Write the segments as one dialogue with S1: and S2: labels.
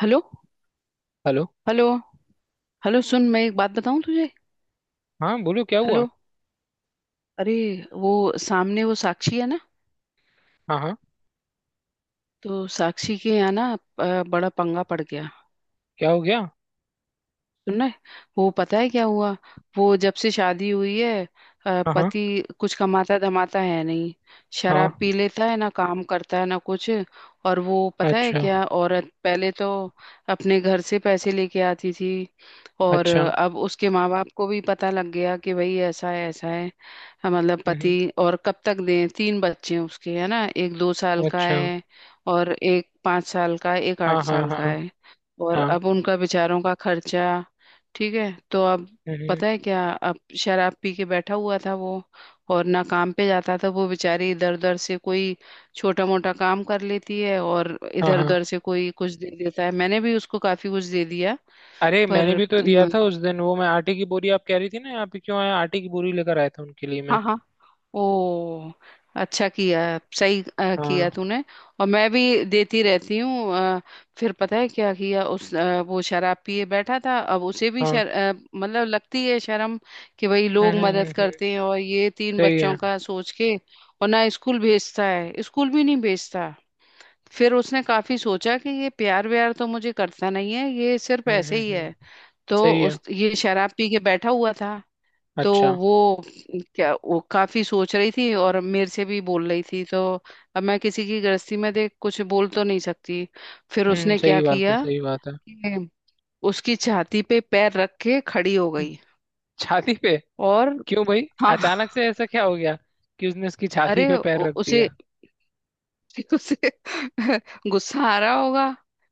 S1: Hello.
S2: Hello.
S1: Hello. Hello, सुन, मैं एक बात बताऊं तुझे।
S2: हाँ बोलो क्या हुआ?
S1: हेलो। अरे, वो सामने वो साक्षी है ना,
S2: हाँ हाँ।
S1: तो साक्षी के यहाँ ना बड़ा पंगा पड़ गया।
S2: क्या हो गया?
S1: सुनना है? वो पता है क्या हुआ? वो जब से शादी हुई है
S2: हाँ हाँ
S1: पति कुछ कमाता धमाता है नहीं। शराब
S2: हाँ।
S1: पी लेता है, ना काम करता है ना कुछ। और वो पता है
S2: अच्छा।
S1: क्या, औरत पहले तो अपने घर से पैसे लेके आती थी। और
S2: अच्छा।
S1: अब उसके माँ बाप को भी पता लग गया कि भाई ऐसा है ऐसा है। हाँ, मतलब पति।
S2: हम्म।
S1: और कब तक दें, तीन बच्चे हैं उसके है ना, एक 2 साल का
S2: अच्छा।
S1: है, और एक 5 साल का है, एक आठ
S2: हाँ हाँ
S1: साल का
S2: हाँ
S1: है। और
S2: हाँ।
S1: अब उनका बेचारों का खर्चा। ठीक है, तो अब
S2: हम्म।
S1: पता है क्या, अब शराब पी के बैठा हुआ था वो। और ना काम पे जाता था, वो बेचारी इधर उधर से कोई छोटा मोटा काम कर लेती है और
S2: हाँ
S1: इधर
S2: हाँ।
S1: उधर से कोई कुछ दे देता है। मैंने भी उसको काफी कुछ दे दिया।
S2: अरे मैंने
S1: पर
S2: भी तो दिया
S1: न,
S2: था उस दिन, वो मैं आटे की बोरी आप कह रही थी ना, यहाँ पे क्यों आया? आटे की बोरी लेकर आया था उनके लिए मैं।
S1: हाँ हाँ, ओ, अच्छा किया। सही
S2: हाँ
S1: किया तूने। और मैं भी देती रहती हूँ। फिर पता है क्या किया उस वो शराब पिए बैठा था। अब उसे भी
S2: हाँ।
S1: मतलब लगती है शर्म कि भाई लोग
S2: हम्म हम्म हम्म
S1: मदद
S2: हम्म,
S1: करते हैं, और ये तीन
S2: सही
S1: बच्चों
S2: है।
S1: का सोच के, और ना स्कूल भेजता है, स्कूल भी नहीं भेजता। फिर उसने काफी सोचा कि ये प्यार व्यार तो मुझे करता नहीं है, ये सिर्फ ऐसे ही
S2: हम्म।
S1: है। तो
S2: सही है।
S1: उस ये शराब पी के बैठा हुआ था। तो
S2: अच्छा।
S1: वो, क्या वो काफी सोच रही थी और मेरे से भी बोल रही थी। तो अब मैं किसी की गृहस्थी में देख कुछ बोल तो नहीं सकती। फिर
S2: हम्म।
S1: उसने
S2: सही
S1: क्या
S2: बात है,
S1: किया
S2: सही बात है।
S1: कि उसकी छाती पे पैर रख के खड़ी हो
S2: हम्म,
S1: गई।
S2: छाती पे?
S1: और
S2: क्यों भाई?
S1: हाँ,
S2: अचानक से ऐसा क्या हो गया कि उसने उसकी छाती
S1: अरे
S2: पे पैर रख
S1: उसे
S2: दिया?
S1: उसे गुस्सा आ रहा होगा।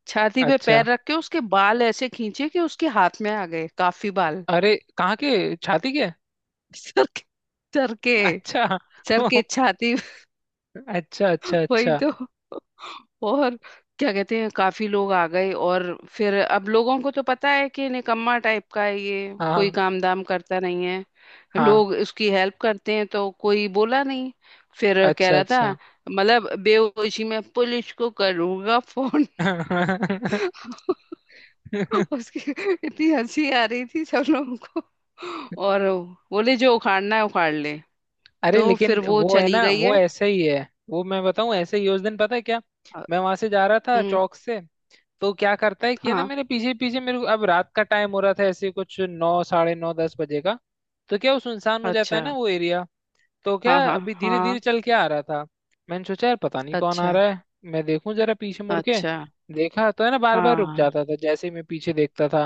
S1: छाती पे
S2: अच्छा।
S1: पैर रख के उसके बाल ऐसे खींचे कि उसके हाथ में आ गए काफी बाल।
S2: अरे कहाँ के, छाती के?
S1: सर के, सर के,
S2: अच्छा।
S1: सर
S2: ओ,
S1: के छाती,
S2: अच्छा अच्छा
S1: वही
S2: अच्छा।
S1: तो। और क्या कहते हैं, काफी लोग आ गए। और फिर अब लोगों को तो पता है कि निकम्मा टाइप का है ये, कोई
S2: हाँ
S1: काम दाम करता नहीं है,
S2: हाँ।
S1: लोग उसकी हेल्प करते हैं, तो कोई बोला नहीं। फिर कह
S2: अच्छा
S1: रहा था,
S2: अच्छा।
S1: मतलब बेहोशी में पुलिस को करूंगा फोन। उसकी, इतनी हंसी आ रही थी सब लोगों को। और बोले जो उखाड़ना है उखाड़ ले।
S2: अरे
S1: तो फिर
S2: लेकिन
S1: वो
S2: वो है
S1: चली
S2: ना,
S1: गई
S2: वो
S1: है।
S2: ऐसे ही है। वो मैं बताऊं, ऐसे ही है। उस दिन पता है क्या,
S1: अ,
S2: मैं वहां से जा रहा था
S1: हम्म,
S2: चौक से। तो क्या करता है कि है ना,
S1: हाँ,
S2: मेरे पीछे पीछे, मेरे को अब रात का टाइम हो रहा था, ऐसे कुछ नौ साढ़े नौ दस बजे का। तो क्या वो सुनसान हो जाता
S1: अच्छा,
S2: है ना वो एरिया। तो क्या
S1: हाँ हाँ
S2: अभी धीरे धीरे
S1: हाँ,
S2: चल के आ रहा था। मैंने सोचा यार पता नहीं कौन आ
S1: अच्छा
S2: रहा है। मैं देखूं जरा पीछे मुड़ के।
S1: अच्छा,
S2: देखा तो है ना बार बार रुक
S1: हाँ,
S2: जाता था जैसे ही मैं पीछे देखता था।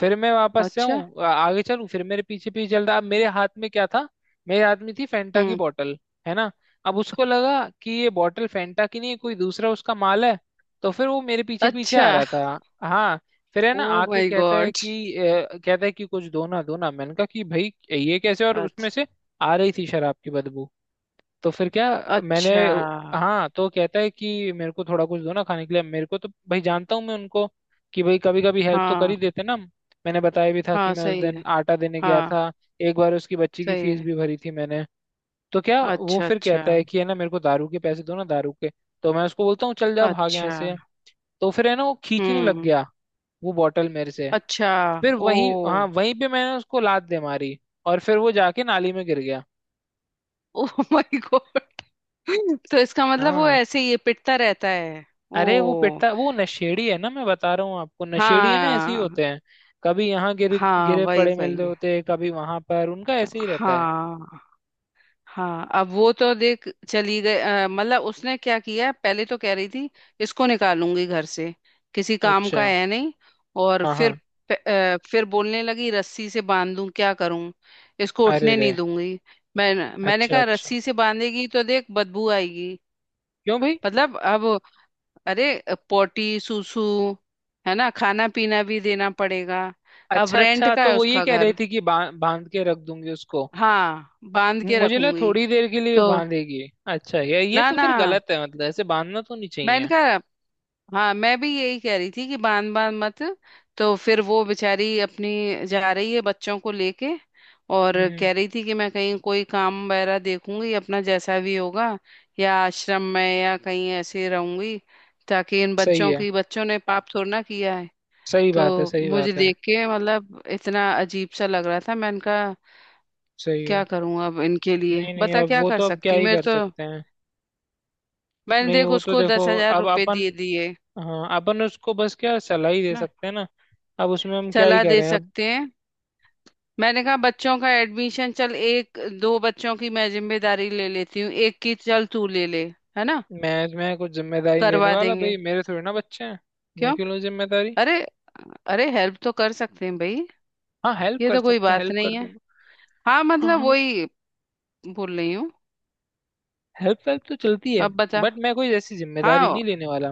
S2: फिर मैं वापस से
S1: अच्छा,
S2: आऊं, आगे चलूं, फिर मेरे पीछे पीछे चल रहा। अब मेरे हाथ में क्या था? मेरे हाथ में थी फेंटा की
S1: हम्म,
S2: बोतल। है ना। अब उसको लगा कि ये बोतल फेंटा की नहीं है, कोई दूसरा उसका माल है। तो फिर वो मेरे पीछे पीछे
S1: अच्छा,
S2: आ रहा था। हाँ। फिर है
S1: ओ
S2: ना आके
S1: माय
S2: कहता है
S1: गॉड,
S2: कि अ, कहता है कि कुछ दो ना, दो ना। मैंने कहा कि भाई, ये कैसे? और उसमें
S1: अच्छा
S2: से आ रही थी शराब की बदबू। तो फिर क्या, मैंने,
S1: अच्छा,
S2: हाँ, तो कहता है कि मेरे को थोड़ा कुछ दो ना खाने के लिए। मेरे को तो भाई जानता हूँ मैं उनको, कि भाई कभी कभी हेल्प तो कर ही
S1: हाँ
S2: देते ना हम। मैंने बताया भी था कि
S1: हाँ,
S2: मैं उस
S1: सही
S2: दिन
S1: है,
S2: आटा देने गया
S1: हाँ,
S2: था। एक बार उसकी बच्ची की
S1: सही
S2: फीस
S1: है,
S2: भी भरी थी मैंने। तो क्या वो
S1: अच्छा
S2: फिर
S1: अच्छा
S2: कहता है कि है ना, मेरे को दारू के पैसे दो ना, दारू के। तो मैं उसको बोलता हूँ, चल जा भाग यहाँ
S1: अच्छा,
S2: से। तो फिर है ना वो खींचने लग
S1: हम्म,
S2: गया वो बॉटल मेरे से।
S1: अच्छा,
S2: फिर
S1: ओ,
S2: वही, हाँ, वहीं पे मैंने उसको लात दे मारी। और फिर वो जाके नाली में गिर गया।
S1: Oh my God. तो इसका मतलब वो
S2: हाँ।
S1: ऐसे ही ये पिटता रहता है।
S2: अरे वो
S1: ओ,
S2: पिटता, वो नशेड़ी है ना, मैं बता रहा हूँ आपको, नशेड़ी है ना, ऐसे ही
S1: हाँ,
S2: होते हैं। कभी यहाँ गिरे
S1: हाँ
S2: गिरे
S1: वही
S2: पड़े मिल रहे
S1: वही,
S2: होते हैं, कभी वहां पर, उनका ऐसे ही रहता है।
S1: हाँ। हाँ, अब वो तो देख चली गई। मतलब उसने क्या किया, पहले तो कह रही थी इसको निकालूंगी घर से, किसी काम का
S2: अच्छा।
S1: है नहीं। और
S2: हाँ
S1: फिर
S2: हाँ।
S1: फिर बोलने लगी रस्सी से बांध दूं, क्या करूं, इसको
S2: अरे
S1: उठने नहीं
S2: रे।
S1: दूंगी। मैंने
S2: अच्छा
S1: कहा
S2: अच्छा।
S1: रस्सी से बांधेगी तो देख बदबू आएगी।
S2: क्यों भाई?
S1: मतलब अब, अरे, पोटी सूसू है ना, खाना पीना भी देना पड़ेगा। अब
S2: अच्छा
S1: रेंट
S2: अच्छा,
S1: का
S2: तो
S1: है
S2: वो ये
S1: उसका
S2: कह रही
S1: घर।
S2: थी कि बांध के रख दूंगी उसको।
S1: हाँ बांध के
S2: मुझे लगा
S1: रखूंगी।
S2: थोड़ी देर के लिए
S1: तो
S2: बांधेगी। अच्छा, ये
S1: ना
S2: तो
S1: ना,
S2: फिर गलत है, मतलब ऐसे बांधना तो नहीं
S1: मैंने
S2: चाहिए।
S1: कहा, हाँ मैं भी यही कह रही थी कि बांध बांध मत। तो फिर वो बेचारी अपनी जा रही है बच्चों को लेके। और
S2: हम्म हम्म,
S1: कह रही थी कि मैं कहीं कोई काम वगैरह देखूंगी, अपना जैसा भी होगा, या आश्रम में या कहीं ऐसे रहूंगी, ताकि इन
S2: सही है।
S1: बच्चों ने पाप थोड़ा ना किया है।
S2: सही बात है,
S1: तो
S2: सही
S1: मुझे
S2: बात है।
S1: देख के मतलब इतना अजीब सा लग रहा था। मैंने कहा,
S2: सही
S1: क्या
S2: है।
S1: करूं अब इनके लिए,
S2: नहीं नहीं,
S1: बता
S2: अब
S1: क्या
S2: वो
S1: कर
S2: तो, अब क्या
S1: सकती हूँ
S2: ही
S1: मेरे
S2: कर
S1: तो।
S2: सकते हैं।
S1: मैंने
S2: नहीं
S1: देख
S2: वो तो
S1: उसको
S2: देखो,
S1: दस हजार
S2: अब
S1: रुपये
S2: अपन,
S1: दिए दिए
S2: हाँ अपन उसको बस क्या सलाह ही दे
S1: ना,
S2: सकते हैं ना। अब उसमें हम क्या ही
S1: सलाह दे
S2: करें अब।
S1: सकते हैं। मैंने कहा बच्चों का एडमिशन, चल एक दो बच्चों की मैं जिम्मेदारी ले लेती हूँ, एक की चल तू ले ले, है ना,
S2: मैं कुछ जिम्मेदारी लेने
S1: करवा
S2: वाला भाई,
S1: देंगे।
S2: मेरे थोड़ी ना बच्चे हैं। मैं
S1: क्यों,
S2: क्यों लूँ जिम्मेदारी?
S1: अरे, अरे, हेल्प तो कर सकते हैं भाई,
S2: हाँ हेल्प
S1: ये
S2: कर
S1: तो कोई
S2: सकते हैं,
S1: बात
S2: हेल्प
S1: नहीं
S2: कर
S1: है।
S2: दूंगा।
S1: हाँ,
S2: हाँ
S1: मतलब
S2: हाँ।
S1: वही बोल रही हूँ,
S2: हेल्प, हेल्प तो चलती है।
S1: अब बता।
S2: बट मैं कोई ऐसी जिम्मेदारी
S1: हाँ
S2: नहीं लेने वाला।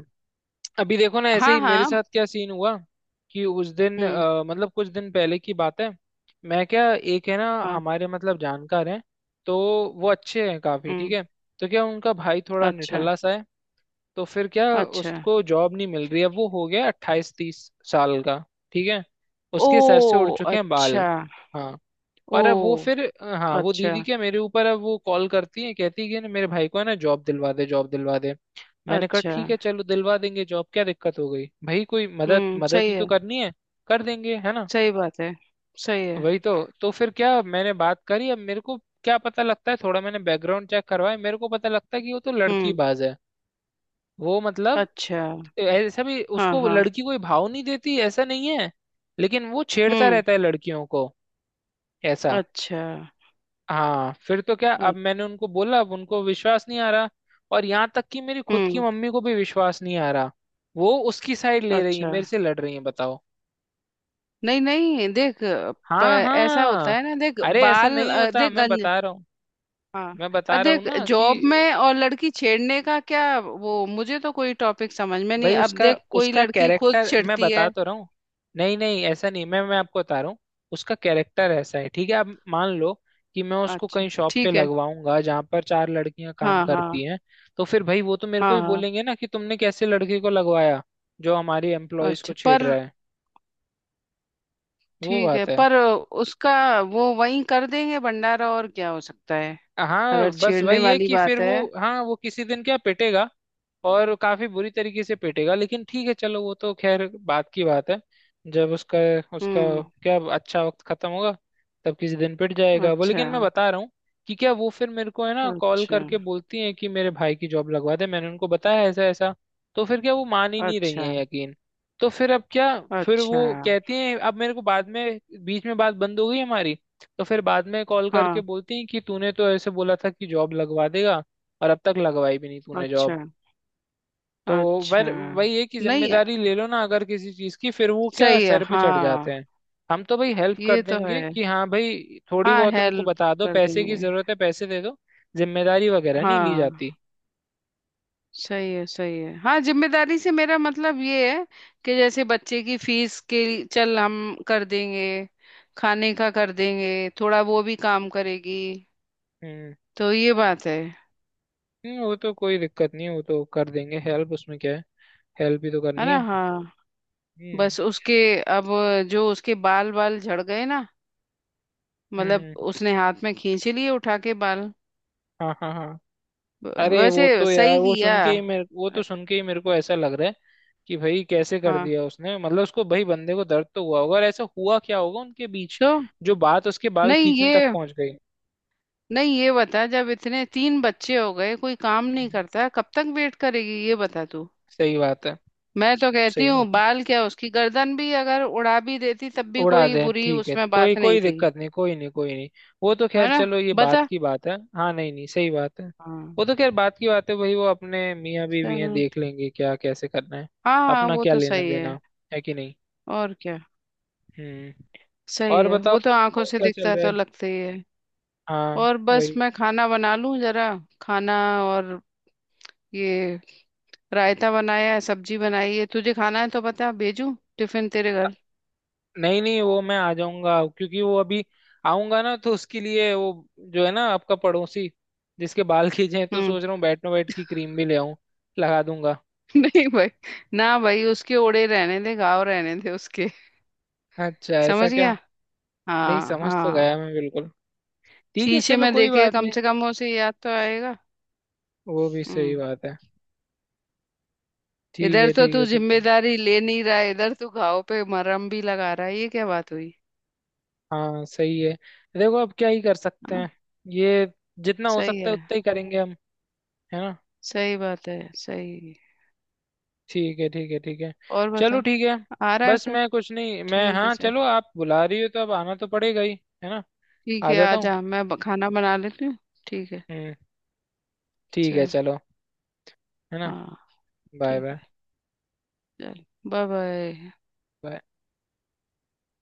S2: अभी देखो ना, ऐसे
S1: हाँ
S2: ही मेरे
S1: हाँ,
S2: साथ क्या सीन हुआ कि उस दिन,
S1: हम्म,
S2: मतलब कुछ दिन पहले की बात है, मैं क्या, एक है ना,
S1: हाँ,
S2: हमारे मतलब जानकार हैं, तो वो अच्छे हैं, काफी ठीक
S1: हम्म,
S2: है। तो क्या, उनका भाई थोड़ा
S1: अच्छा,
S2: निठल्ला सा है। तो फिर क्या,
S1: अच्छा,
S2: उसको जॉब नहीं मिल रही है, वो हो गया अट्ठाईस तीस साल का, ठीक है, उसके सर से उड़
S1: ओ,
S2: चुके हैं
S1: अच्छा,
S2: बाल। हाँ। और अब वो
S1: ओ,
S2: फिर, हाँ, वो
S1: अच्छा,
S2: दीदी क्या मेरे ऊपर अब वो कॉल करती है, कहती है कि ना, मेरे भाई को है ना, जॉब दिलवा दे, जॉब दिलवा दे। मैंने कहा
S1: अच्छा,
S2: ठीक है चलो दिलवा देंगे जॉब, क्या दिक्कत हो गई भाई, कोई मदद,
S1: हम्म,
S2: मदद
S1: सही
S2: ही
S1: है,
S2: तो करनी है। कर देंगे, है ना,
S1: सही बात है, सही है,
S2: वही तो। तो फिर क्या, मैंने बात करी। अब मेरे को क्या पता लगता है, थोड़ा मैंने बैकग्राउंड चेक करवाया, मेरे को पता लगता है कि वो तो लड़की
S1: हम्म,
S2: बाज है। वो मतलब,
S1: अच्छा,
S2: ऐसा भी
S1: हाँ
S2: उसको
S1: हाँ,
S2: लड़की कोई भाव नहीं देती, ऐसा नहीं है, लेकिन वो छेड़ता
S1: हम्म,
S2: रहता है लड़कियों को, ऐसा।
S1: अच्छा,
S2: हाँ, फिर तो क्या,
S1: अ-
S2: अब मैंने उनको बोला, अब उनको विश्वास नहीं आ रहा। और यहाँ तक कि मेरी खुद की
S1: हम्म,
S2: मम्मी को भी विश्वास नहीं आ रहा, वो उसकी साइड ले रही है,
S1: अच्छा,
S2: मेरे से लड़ रही है, बताओ।
S1: नहीं नहीं, देख प-
S2: हाँ
S1: ऐसा
S2: हाँ।
S1: होता है ना, देख
S2: अरे ऐसा
S1: बाल,
S2: नहीं होता,
S1: देख
S2: मैं
S1: गंज।
S2: बता रहा हूँ।
S1: हाँ,
S2: मैं बता रहा हूँ
S1: देख
S2: ना,
S1: जॉब
S2: कि
S1: में और लड़की छेड़ने का क्या, वो मुझे तो कोई टॉपिक समझ में नहीं।
S2: भाई
S1: अब
S2: उसका,
S1: देख, कोई
S2: उसका
S1: लड़की खुद
S2: कैरेक्टर, मैं
S1: छेड़ती
S2: बता
S1: है।
S2: तो रहा हूँ। नहीं नहीं ऐसा नहीं, मैं आपको बता रहा हूँ। उसका कैरेक्टर ऐसा है, ठीक है, आप मान लो कि मैं उसको
S1: अच्छा,
S2: कहीं शॉप पे
S1: ठीक है,
S2: लगवाऊंगा जहां पर चार लड़कियां काम
S1: हाँ
S2: करती
S1: हाँ,
S2: हैं, तो फिर भाई वो तो मेरे को
S1: हाँ,
S2: ही
S1: हाँ,
S2: बोलेंगे ना कि तुमने कैसे लड़की को लगवाया जो हमारी एम्प्लॉयज को
S1: अच्छा
S2: छेड़
S1: पर,
S2: रहा है। वो
S1: ठीक है,
S2: बात है।
S1: पर उसका, वो वहीं कर देंगे भंडारा और क्या हो सकता है,
S2: हाँ,
S1: अगर
S2: बस
S1: छेड़ने
S2: वही है
S1: वाली
S2: कि फिर
S1: बात है।
S2: वो, हाँ वो किसी दिन क्या पिटेगा, और काफी बुरी तरीके से पीटेगा। लेकिन ठीक है चलो, वो तो खैर बात की बात है। जब उसका, उसका
S1: हम्म,
S2: क्या अच्छा वक्त खत्म होगा, तब किसी दिन पिट जाएगा वो।
S1: अच्छा,
S2: लेकिन मैं बता रहा हूँ कि क्या, वो फिर मेरे को है ना कॉल
S1: अच्छा,
S2: करके बोलती हैं कि मेरे भाई की जॉब लगवा दे। मैंने उनको बताया ऐसा ऐसा, तो फिर क्या वो मान ही नहीं रही
S1: अच्छा,
S2: है, यकीन। तो फिर अब क्या, फिर वो
S1: अच्छा,
S2: कहती हैं अब मेरे को बाद में, बीच में बात बंद हो गई हमारी, तो फिर बाद में कॉल करके
S1: हाँ,
S2: बोलती हैं कि तूने तो ऐसे बोला था कि जॉब लगवा देगा, और अब तक लगवाई भी नहीं तूने
S1: अच्छा,
S2: जॉब। तो
S1: अच्छा,
S2: वर वही है कि
S1: नहीं,
S2: जिम्मेदारी ले लो ना अगर किसी चीज की, फिर वो क्या
S1: सही है,
S2: सर पे चढ़ जाते
S1: हाँ,
S2: हैं। हम तो भाई हेल्प कर
S1: ये तो
S2: देंगे
S1: है,
S2: कि हाँ भाई, थोड़ी
S1: हाँ
S2: बहुत उनको
S1: हेल्प
S2: बता दो
S1: कर
S2: पैसे की
S1: देंगे।
S2: जरूरत है, पैसे दे दो। जिम्मेदारी वगैरह नहीं ली
S1: हाँ,
S2: जाती।
S1: सही है सही है, हाँ जिम्मेदारी से मेरा मतलब ये है कि जैसे बच्चे की फीस के लिए- चल हम कर देंगे, खाने का कर देंगे, थोड़ा वो भी काम करेगी,
S2: हम्म
S1: तो ये बात है
S2: वो तो कोई दिक्कत नहीं, वो तो कर देंगे हेल्प, उसमें क्या है, हेल्प भी तो
S1: है
S2: करनी
S1: ना।
S2: है।
S1: हाँ,
S2: हम्म
S1: बस उसके, अब जो उसके बाल बाल झड़ गए ना,
S2: हम्म
S1: मतलब
S2: हम्म,
S1: उसने हाथ में खींच लिए उठा के बाल।
S2: हाँ हाँ हाँ।
S1: व-
S2: अरे
S1: वैसे
S2: वो तो यार,
S1: सही किया।
S2: वो तो सुन के ही मेरे को ऐसा लग रहा है कि भाई कैसे कर
S1: हाँ,
S2: दिया उसने, मतलब उसको, भाई बंदे को दर्द तो हुआ होगा, और ऐसा हुआ क्या होगा उनके बीच
S1: तो
S2: जो बात उसके बाल
S1: नहीं
S2: खींचने तक
S1: ये,
S2: पहुंच गई।
S1: नहीं ये बता, जब इतने तीन बच्चे हो गए कोई काम नहीं
S2: हम्म।
S1: करता, कब तक वेट करेगी, ये बता तू।
S2: सही बात है,
S1: मैं तो कहती
S2: सही
S1: हूँ
S2: बात है।
S1: बाल क्या, उसकी गर्दन भी अगर उड़ा भी देती तब भी
S2: उड़ा
S1: कोई
S2: दें,
S1: बुरी
S2: ठीक है,
S1: उसमें
S2: कोई
S1: बात नहीं
S2: कोई
S1: थी।
S2: दिक्कत नहीं, कोई नहीं, कोई नहीं। वो तो
S1: है
S2: खैर
S1: ना,
S2: चलो, ये बात
S1: बता।
S2: की बात है, हाँ, नहीं नहीं, सही बात है।
S1: हाँ,
S2: वो तो खैर बात की बात है भाई, वो अपने मियाँ बीवी हैं,
S1: चल,
S2: देख लेंगे क्या कैसे करना है।
S1: हाँ हाँ,
S2: अपना
S1: वो
S2: क्या
S1: तो
S2: लेना
S1: सही है,
S2: देना, है कि नहीं।
S1: और क्या।
S2: हम्म।
S1: सही
S2: और
S1: है,
S2: बताओ,
S1: वो तो आंखों
S2: और
S1: से
S2: क्या
S1: दिखता
S2: चल
S1: है
S2: रहा
S1: तो
S2: है?
S1: लगता ही है।
S2: हाँ
S1: और बस
S2: वही।
S1: मैं खाना बना लूं जरा, खाना, और ये रायता बनाया है, सब्जी बनाई है, तुझे खाना है तो बता, भेजू टिफिन तेरे घर।
S2: नहीं नहीं, वो मैं आ जाऊंगा। क्योंकि वो अभी, आऊंगा ना तो उसके लिए वो, जो है ना आपका पड़ोसी, जिसके बाल खींचे हैं, तो
S1: हम्म।
S2: सोच रहा हूँ बैटनो बैट की क्रीम भी ले आऊं, लगा दूंगा।
S1: नहीं भाई, ना भाई, उसके ओड़े रहने दे, गाँव रहने दे उसके।
S2: अच्छा ऐसा
S1: समझ
S2: क्या।
S1: गया,
S2: नहीं
S1: हाँ
S2: समझ तो
S1: हाँ।
S2: गया मैं, बिल्कुल। ठीक है
S1: शीशे
S2: चलो,
S1: में
S2: कोई
S1: देखे
S2: बात
S1: कम
S2: नहीं।
S1: से कम उसे याद तो आएगा।
S2: वो भी सही
S1: हम्म,
S2: बात है। ठीक
S1: इधर
S2: है
S1: तो
S2: ठीक
S1: तू
S2: है ठीक है।
S1: जिम्मेदारी ले नहीं रहा है, इधर तू घाव पे मरहम भी लगा रहा है, ये क्या बात हुई।
S2: हाँ सही है। देखो अब क्या ही कर सकते हैं
S1: हाँ,
S2: ये, जितना हो
S1: सही
S2: सकता है
S1: है,
S2: उतना ही करेंगे हम, है ना।
S1: सही बात है सही।
S2: ठीक है ठीक है ठीक है।
S1: और बता,
S2: चलो ठीक है।
S1: आ रहा है
S2: बस
S1: फिर।
S2: मैं कुछ नहीं, मैं,
S1: ठीक है,
S2: हाँ
S1: चल,
S2: चलो आप बुला रही हो तो अब आना तो पड़ेगा ही, है ना।
S1: ठीक
S2: आ
S1: है,
S2: जाता
S1: आ
S2: हूँ।
S1: जा, मैं खाना बना लेती हूँ। ठीक है,
S2: हम्म। ठीक है
S1: चल,
S2: चलो, है ना।
S1: हाँ,
S2: बाय
S1: ठीक,
S2: बाय।
S1: चल, बाय बाय।
S2: बाय।